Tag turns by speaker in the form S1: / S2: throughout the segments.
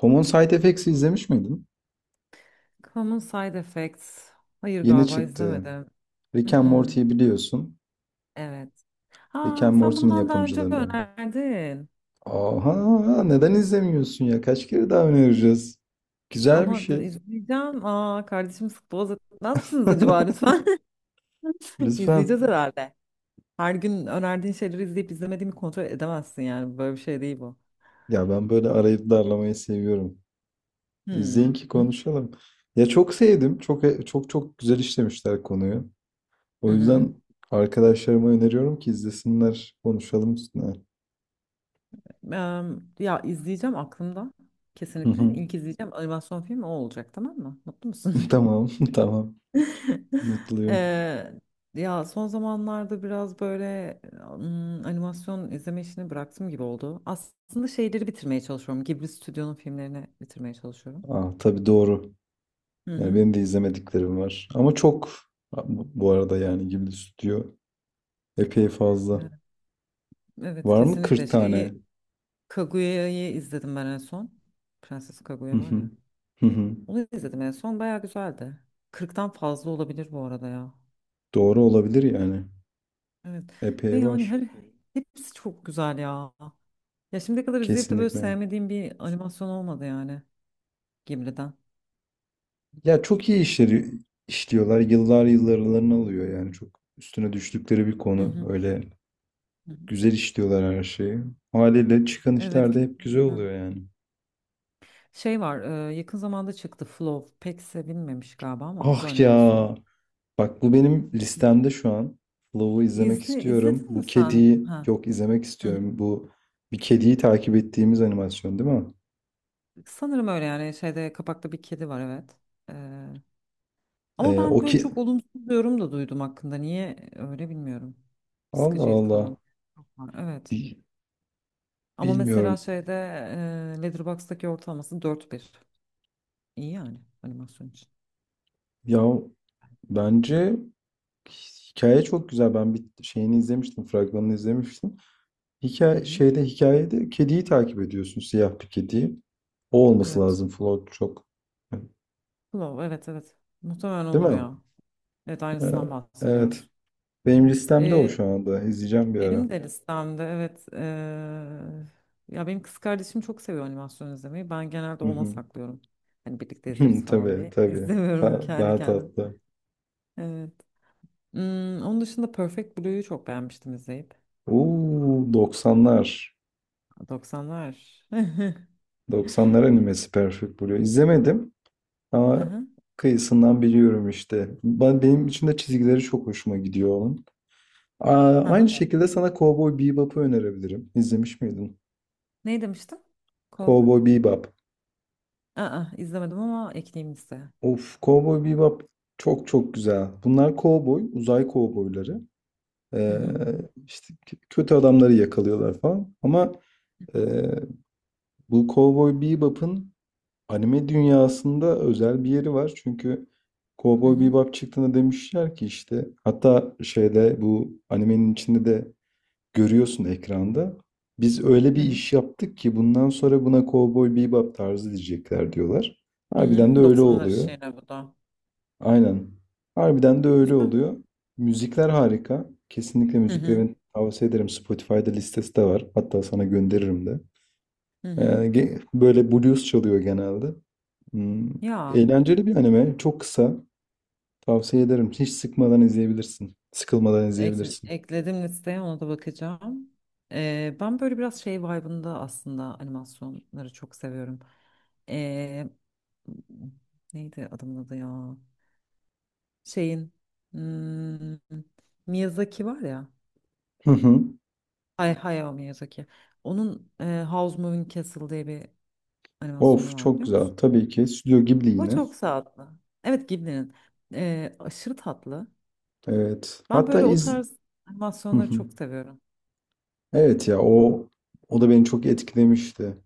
S1: Common Side Effects'i izlemiş miydin?
S2: Common Side Effects. Hayır
S1: Yeni
S2: galiba
S1: çıktı.
S2: izlemedim.
S1: Rick and
S2: Mm-mm.
S1: Morty'yi biliyorsun.
S2: Evet.
S1: Rick
S2: Ha,
S1: and
S2: sen bunu
S1: Morty'nin
S2: bana daha önce
S1: yapımcılarından.
S2: önerdin.
S1: Aha, neden izlemiyorsun ya? Kaç kere daha önereceğiz? Güzel bir
S2: Ama da
S1: şey.
S2: izleyeceğim. Aa, kardeşim sık boğaz etmez misiniz acaba lütfen?
S1: Lütfen.
S2: İzleyeceğiz herhalde. Her gün önerdiğin şeyleri izleyip izlemediğimi kontrol edemezsin yani. Böyle bir şey değil bu.
S1: Ya ben böyle arayıp darlamayı seviyorum.
S2: Hmm.
S1: İzleyin ki
S2: Hı
S1: konuşalım. Ya çok sevdim. Çok çok çok güzel işlemişler konuyu.
S2: hı.
S1: O
S2: Hı.
S1: yüzden arkadaşlarıma öneriyorum ki izlesinler. Konuşalım üstüne.
S2: Ya izleyeceğim aklımda.
S1: Hı hı.
S2: Kesinlikle. İlk izleyeceğim animasyon filmi o olacak, tamam mı? Mutlu musun?
S1: Tamam, tamam. Mutluyum.
S2: Eee, ya son zamanlarda biraz böyle animasyon izleme işini bıraktım gibi oldu. Aslında şeyleri bitirmeye çalışıyorum. Ghibli Stüdyo'nun filmlerini bitirmeye çalışıyorum.
S1: Aa, tabii doğru.
S2: Hı
S1: Yani
S2: hı.
S1: benim de izlemediklerim var. Ama çok bu arada yani Ghibli stüdyo epey fazla.
S2: Evet, evet,
S1: Var mı
S2: kesinlikle.
S1: 40 tane?
S2: Kaguya'yı izledim ben en son. Prenses
S1: Hı
S2: Kaguya var
S1: hı.
S2: ya.
S1: Hı hı.
S2: Onu izledim en son. Bayağı güzeldi. 40'tan fazla olabilir bu arada ya.
S1: Doğru olabilir yani.
S2: Evet. Ve
S1: Epey
S2: yani
S1: var.
S2: her hepsi çok güzel ya. Ya şimdiye kadar izleyip de böyle
S1: Kesinlikle.
S2: sevmediğim bir animasyon olmadı yani, Ghibli'den.
S1: Ya çok iyi işleri işliyorlar. Yıllar yıllarını alıyor yani çok üstüne düştükleri bir
S2: Hı
S1: konu.
S2: hı.
S1: Öyle
S2: Hı hı.
S1: güzel işliyorlar her şeyi. Haliyle çıkan
S2: Evet.
S1: işler de hep güzel
S2: Kesinlikle.
S1: oluyor yani.
S2: Şey var, yakın zamanda çıktı Flow. Pek sevilmemiş galiba ama o
S1: Ah
S2: da animasyon.
S1: ya. Bak bu benim listemde şu an. Flow'u izlemek istiyorum.
S2: İzledin
S1: Bu
S2: mi sen?
S1: kediyi
S2: Ha.
S1: yok izlemek
S2: Hı hı.
S1: istiyorum. Bu bir kediyi takip ettiğimiz animasyon değil mi?
S2: Sanırım öyle yani şeyde kapakta bir kedi var, evet. E, ama
S1: O
S2: ben böyle
S1: ki
S2: çok olumsuz bir yorum da duydum hakkında. Niye öyle bilmiyorum.
S1: Allah
S2: Sıkıcıydı
S1: Allah.
S2: falan. Çok var, evet.
S1: Bi-
S2: Ama mesela
S1: Bilmiyorum.
S2: şeyde Letterboxd'daki ortalaması 4,1. İyi yani animasyon için.
S1: Ya bence hikaye çok güzel. Ben bir şeyini izlemiştim, fragmanını izlemiştim.
S2: Hı hı.
S1: Hikayede kediyi takip ediyorsun, siyah bir kediyi. O olması
S2: Evet.
S1: lazım Flow çok.
S2: Flow, evet, evet. Muhtemelen
S1: Değil
S2: odur
S1: mi?
S2: ya. Evet,
S1: Ee,
S2: aynısından
S1: evet.
S2: bahsediyoruz.
S1: Benim listemde o
S2: Ee,
S1: şu anda. İzleyeceğim bir ara.
S2: benim de listemde, evet, ya benim kız kardeşim çok seviyor animasyon izlemeyi. Ben genelde
S1: Hı
S2: ona
S1: hı.
S2: saklıyorum. Hani birlikte izleriz falan
S1: Tabii
S2: diye.
S1: tabii.
S2: İzlemiyorum
S1: Da-
S2: kendi
S1: daha
S2: kendim.
S1: tatlı.
S2: Evet. Onun dışında Perfect Blue'yu çok beğenmiştim izleyip.
S1: Oo, 90'lar.
S2: 90'lar.
S1: 90'lar animesi Perfect Blue. İzlemedim ama
S2: Aha,
S1: kıyısından biliyorum işte. Benim için de çizgileri çok hoşuma gidiyor onun. Aa, aynı
S2: aha.
S1: şekilde sana Cowboy Bebop'u önerebilirim. İzlemiş miydin?
S2: Ne demiştin? Cowboy?
S1: Cowboy Bebop.
S2: Aa, izlemedim ama ekleyeyim listeye.
S1: Of, Cowboy Bebop çok çok güzel. Bunlar cowboy, uzay cowboyları.
S2: Hı
S1: Ee,
S2: hı,
S1: işte k- kötü adamları yakalıyorlar falan. Ama e, bu Cowboy Bebop'un anime dünyasında özel bir yeri var. Çünkü
S2: hı
S1: Cowboy
S2: hı,
S1: Bebop çıktığında demişler ki işte hatta şeyde bu animenin içinde de görüyorsun ekranda. Biz öyle
S2: hı
S1: bir
S2: hı.
S1: iş yaptık ki bundan sonra buna Cowboy Bebop tarzı diyecekler diyorlar.
S2: Hı
S1: Harbiden de
S2: hı.
S1: öyle
S2: 90'lar
S1: oluyor.
S2: şeyine bu da.
S1: Aynen. Harbiden de öyle
S2: Güzel.
S1: oluyor. Müzikler harika. Kesinlikle
S2: Hı hı,
S1: müziklerin tavsiye ederim. Spotify'da listesi de var. Hatta sana gönderirim de.
S2: hı
S1: Ee,
S2: hı.
S1: böyle blues çalıyor genelde. Hmm,
S2: Ya.
S1: Eğlenceli bir anime. Çok kısa. Tavsiye ederim. Hiç sıkmadan izleyebilirsin. Sıkılmadan izleyebilirsin.
S2: Ekledim listeye, ona da bakacağım. Ben böyle biraz şey vibe'ında aslında animasyonları çok seviyorum. Ee, neydi adamın adı ya? Şeyin hmm, Miyazaki var ya.
S1: Hı hı.
S2: Hayao Miyazaki. Onun House Moving Castle diye bir animasyonu
S1: Of
S2: var,
S1: çok
S2: biliyor
S1: güzel.
S2: musun?
S1: Tabii ki. Stüdyo Ghibli
S2: O
S1: yine.
S2: çok tatlı. Evet, Ghibli'nin. Aşırı tatlı.
S1: Evet.
S2: Ben böyle o tarz
S1: Hı
S2: animasyonları
S1: hı.
S2: çok seviyorum.
S1: Evet ya o da beni çok etkilemişti.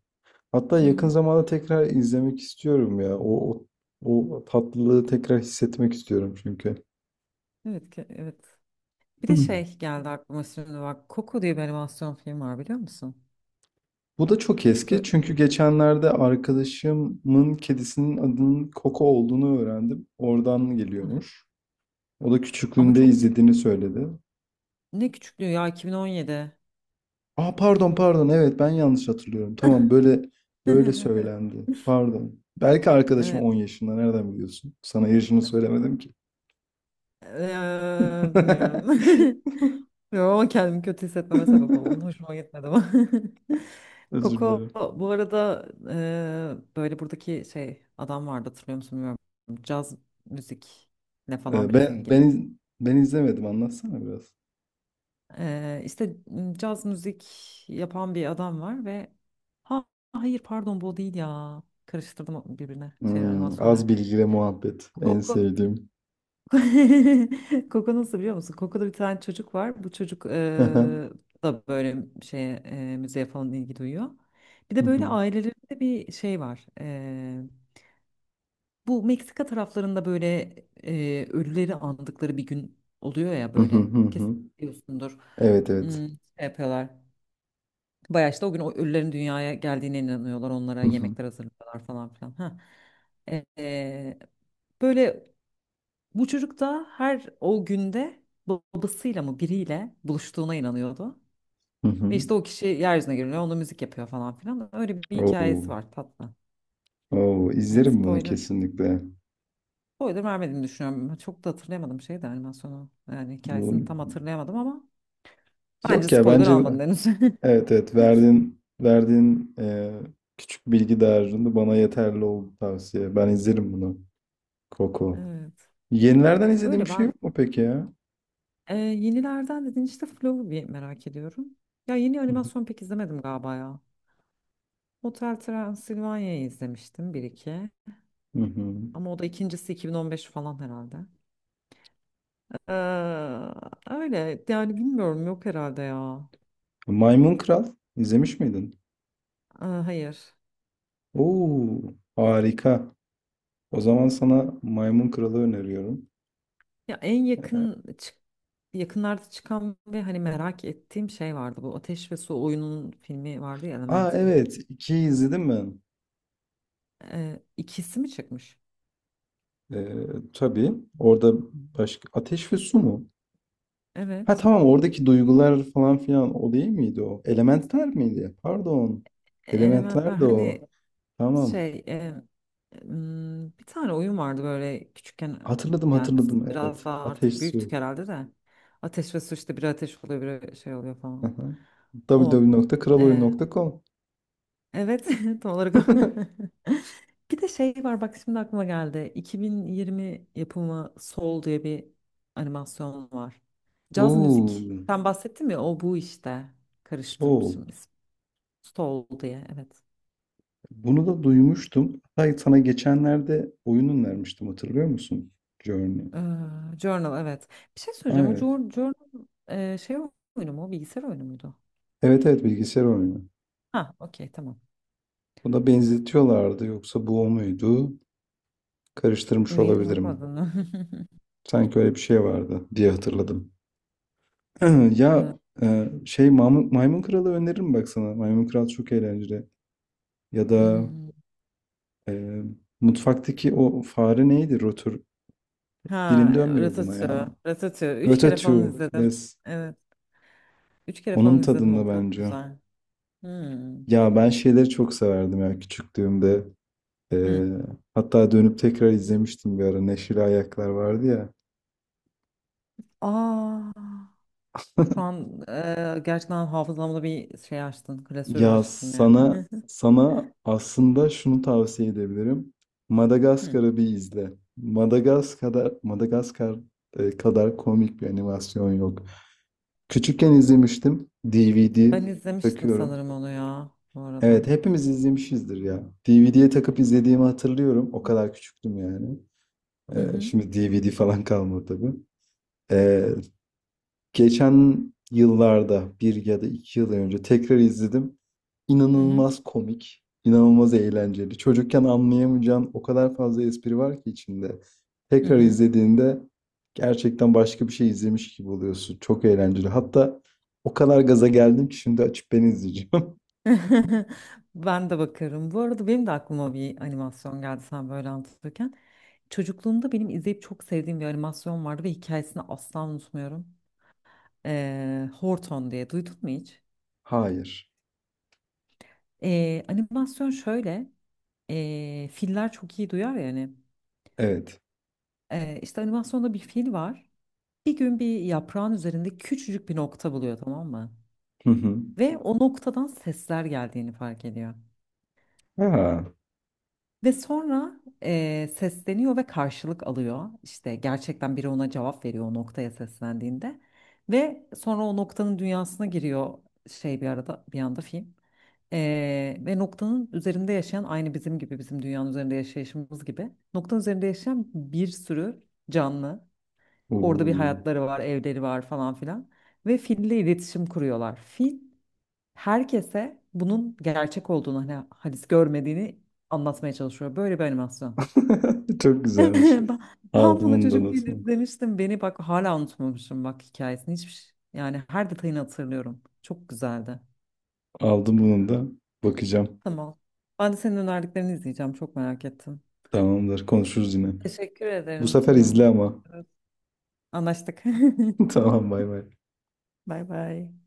S1: Hatta
S2: Hı
S1: yakın
S2: hı.
S1: zamanda tekrar izlemek istiyorum ya. O tatlılığı tekrar hissetmek istiyorum çünkü.
S2: Evet, evet. Bir de şey geldi aklıma şimdi bak. Coco diye bir animasyon film var, biliyor musun?
S1: Bu da çok eski
S2: Böyle-
S1: çünkü geçenlerde arkadaşımın kedisinin adının Koko olduğunu öğrendim. Oradan geliyormuş. O da
S2: ama
S1: küçüklüğünde
S2: çok
S1: izlediğini söyledi.
S2: ne küçüklüğü ya, 2017.
S1: Aa, pardon, pardon, evet, ben yanlış hatırlıyorum. Tamam, böyle söylendi. Pardon. Belki arkadaşım
S2: Evet.
S1: 10 yaşında. Nereden biliyorsun? Sana yaşını söylemedim ki.
S2: Bilmiyorum. Bilmiyorum ama kendimi kötü hissetmeme sebep oldun. Hoşuma gitmedi ama.
S1: Özür
S2: Koko
S1: dilerim.
S2: bu arada böyle buradaki şey adam vardı, hatırlıyor musun bilmiyorum. Caz müzikle falan
S1: Ee,
S2: biraz
S1: ben ben
S2: ilgili.
S1: iz- ben izlemedim, anlatsana biraz.
S2: İşte caz müzik yapan bir adam var ve ha, hayır, pardon, bu o değil ya. Karıştırdım birbirine şey
S1: Az
S2: animasyonları.
S1: bilgi ve muhabbet en
S2: Koku.
S1: sevdiğim.
S2: Koku, nasıl biliyor musun? Koku'da bir tane çocuk var. Bu çocuk da böyle şeye müziğe falan ilgi duyuyor. Bir de böyle ailelerinde bir şey var. Bu Meksika taraflarında böyle ölüleri andıkları bir gün oluyor ya
S1: Hı hı,
S2: böyle.
S1: hı
S2: Kesin
S1: hı.
S2: biliyorsundur.
S1: Evet, evet.
S2: Hmm, şey yapıyorlar. Bayağı işte o gün o ölülerin dünyaya geldiğine inanıyorlar. Onlara
S1: Hı hı,
S2: yemekler hazırlıyorlar falan filan. Ha. Ee, böyle bu çocuk da her o günde babasıyla mı biriyle buluştuğuna inanıyordu.
S1: hı hı.
S2: Ve işte o kişi yeryüzüne geliyor, ona müzik yapıyor falan filan. Öyle bir
S1: Oo,
S2: hikayesi var, tatlı.
S1: oo,
S2: Evet,
S1: izlerim bunu
S2: spoiler.
S1: kesinlikle.
S2: Spoiler vermediğimi düşünüyorum. Çok da hatırlayamadım şeyi de, animasyonu. Yani hikayesini
S1: Bu...
S2: tam hatırlayamadım ama bence
S1: Yok ya,
S2: spoiler
S1: bence
S2: almadın henüz.
S1: evet evet, verdiğin küçük bilgi dağarcığında bana yeterli oldu tavsiye. Ben izlerim bunu. Koko.
S2: Evet.
S1: Yenilerden izlediğim
S2: Öyle
S1: bir şey
S2: ben
S1: yok mu peki ya?
S2: Yenilerden dedin, işte Flow'u bir merak ediyorum. Ya yeni
S1: Hı hı.
S2: animasyon pek izlemedim galiba ya. Hotel Transilvanya'yı izlemiştim bir iki.
S1: Hı hı.
S2: Ama o da ikincisi 2015 falan herhalde. Ee, öyle yani bilmiyorum, yok herhalde ya.
S1: Maymun Kral izlemiş miydin?
S2: Hayır.
S1: Oo, harika. O zaman sana Maymun Kral'ı öneriyorum.
S2: Ya
S1: Ee,
S2: yakınlarda çıkan ve hani merak ettiğim şey vardı. Bu Ateş ve Su oyunun filmi vardı ya,
S1: Aa,
S2: Elemental.
S1: evet, ikiyi izledim mi?
S2: İkisi mi çıkmış?
S1: Ee, tabii, orada başka ateş ve su mu? Ha,
S2: Evet.
S1: tamam, oradaki duygular falan filan o değil miydi o? Elementler miydi? Pardon.
S2: Elementler
S1: Elementler de o.
S2: hani
S1: Tamam.
S2: Şey, bir tane oyun vardı böyle küçükken,
S1: Hatırladım,
S2: yani biz
S1: hatırladım,
S2: biraz
S1: evet.
S2: daha artık
S1: Ateş
S2: büyüktük
S1: su.
S2: herhalde de. Ateş ve su, işte biri ateş oluyor biri şey oluyor falan.
S1: Aha. w w
S2: O.
S1: w nokta kraloyun
S2: E,
S1: nokta com
S2: evet tam olarak o. Bir de şey var bak, şimdi aklıma geldi. 2020 yapımı Soul diye bir animasyon var. Caz müzik.
S1: Oo,
S2: Sen bahsettin ya, o bu işte.
S1: Soul.
S2: Karıştırmışım ismi. Soul diye, evet.
S1: Bunu da duymuştum. Hatta sana geçenlerde oyunun vermiştim hatırlıyor musun? Journey.
S2: Ee, journal, evet. Bir şey söyleyeceğim. O
S1: Evet.
S2: journal şey oyunu mu? Bilgisayar oyunu muydu?
S1: Evet evet bilgisayar oyunu.
S2: Ha, okey, tamam.
S1: Buna benzetiyorlardı yoksa bu o muydu? Karıştırmış
S2: Emin
S1: olabilirim.
S2: olmadın.
S1: Sanki öyle bir şey vardı diye hatırladım. Ya
S2: Ha,
S1: Maymun Kralı öneririm bak sana. Maymun Kral çok eğlenceli. Ya da
S2: hmm.
S1: e, mutfaktaki o fare neydi? Rotur.
S2: Ha,
S1: Dilim dönmüyor buna ya.
S2: Ratatouille. Ratatouille. Üç kere falan
S1: Ratatouille.
S2: izledim.
S1: Yes.
S2: Evet. Üç kere
S1: Onun
S2: falan izledim
S1: tadında
S2: onu. Çok
S1: bence.
S2: güzel. Hmm.
S1: Ya ben şeyleri çok severdim ya küçüklüğümde. E,
S2: Hmm.
S1: Hatta dönüp tekrar izlemiştim bir ara. Neşeli Ayaklar vardı ya.
S2: Aa, şu an gerçekten hafızamda bir şey açtın. Klasörü
S1: Ya
S2: açtın yani.
S1: sana aslında şunu tavsiye edebilirim.
S2: Hmm.
S1: Madagaskar'ı bir izle. Madagaskar kadar komik bir animasyon yok. Küçükken izlemiştim. DVD
S2: Ben izlemiştim
S1: takıyorum.
S2: sanırım onu ya bu arada.
S1: Evet, hepimiz izlemişizdir ya. DVD'ye takıp izlediğimi hatırlıyorum. O kadar küçüktüm yani.
S2: Hı
S1: E,
S2: hı.
S1: şimdi DVD falan kalmadı tabii. E, geçen yıllarda bir ya da 2 yıl önce tekrar izledim.
S2: Hı hı.
S1: İnanılmaz komik, inanılmaz eğlenceli. Çocukken anlayamayacağın o kadar fazla espri var ki içinde.
S2: Hı
S1: Tekrar
S2: hı.
S1: izlediğinde gerçekten başka bir şey izlemiş gibi oluyorsun. Çok eğlenceli. Hatta o kadar gaza geldim ki şimdi açıp ben izleyeceğim.
S2: Ben de bakarım. Bu arada benim de aklıma bir animasyon geldi sen böyle anlatırken. Çocukluğumda benim izleyip çok sevdiğim bir animasyon vardı ve hikayesini asla unutmuyorum. Horton diye duydun mu hiç?
S1: Hayır.
S2: Animasyon şöyle. Filler çok iyi duyar yani.
S1: Evet.
S2: İşte animasyonda bir fil var. Bir gün bir yaprağın üzerinde küçücük bir nokta buluyor, tamam mı?
S1: Hı hı.
S2: Ve o noktadan sesler geldiğini fark ediyor.
S1: Ha.
S2: Ve sonra sesleniyor ve karşılık alıyor. İşte gerçekten biri ona cevap veriyor o noktaya seslendiğinde. Ve sonra o noktanın dünyasına giriyor şey, bir arada bir anda film. Ve noktanın üzerinde yaşayan, aynı bizim gibi, bizim dünyanın üzerinde yaşayışımız gibi. Noktanın üzerinde yaşayan bir sürü canlı. Orada bir
S1: Oo.
S2: hayatları var, evleri var falan filan. Ve fille iletişim kuruyorlar. Fil herkese bunun gerçek olduğunu, hani halis görmediğini anlatmaya çalışıyor. Böyle bir animasyon.
S1: Çok güzelmiş.
S2: Ben ben
S1: Aldım
S2: bunu
S1: bunu da
S2: çocukken
S1: notunu.
S2: izlemiştim. Beni bak hala unutmamışım bak hikayesini. Yani her detayını hatırlıyorum. Çok güzeldi.
S1: Aldım bunu da. Bakacağım.
S2: Tamam. Ben de senin önerdiklerini izleyeceğim. Çok merak ettim.
S1: Tamamdır. Konuşuruz yine.
S2: Teşekkür
S1: Bu
S2: ederim.
S1: sefer izle
S2: Tamam.
S1: ama.
S2: Evet. Anlaştık.
S1: Tamam, bay bay.
S2: Bay bay.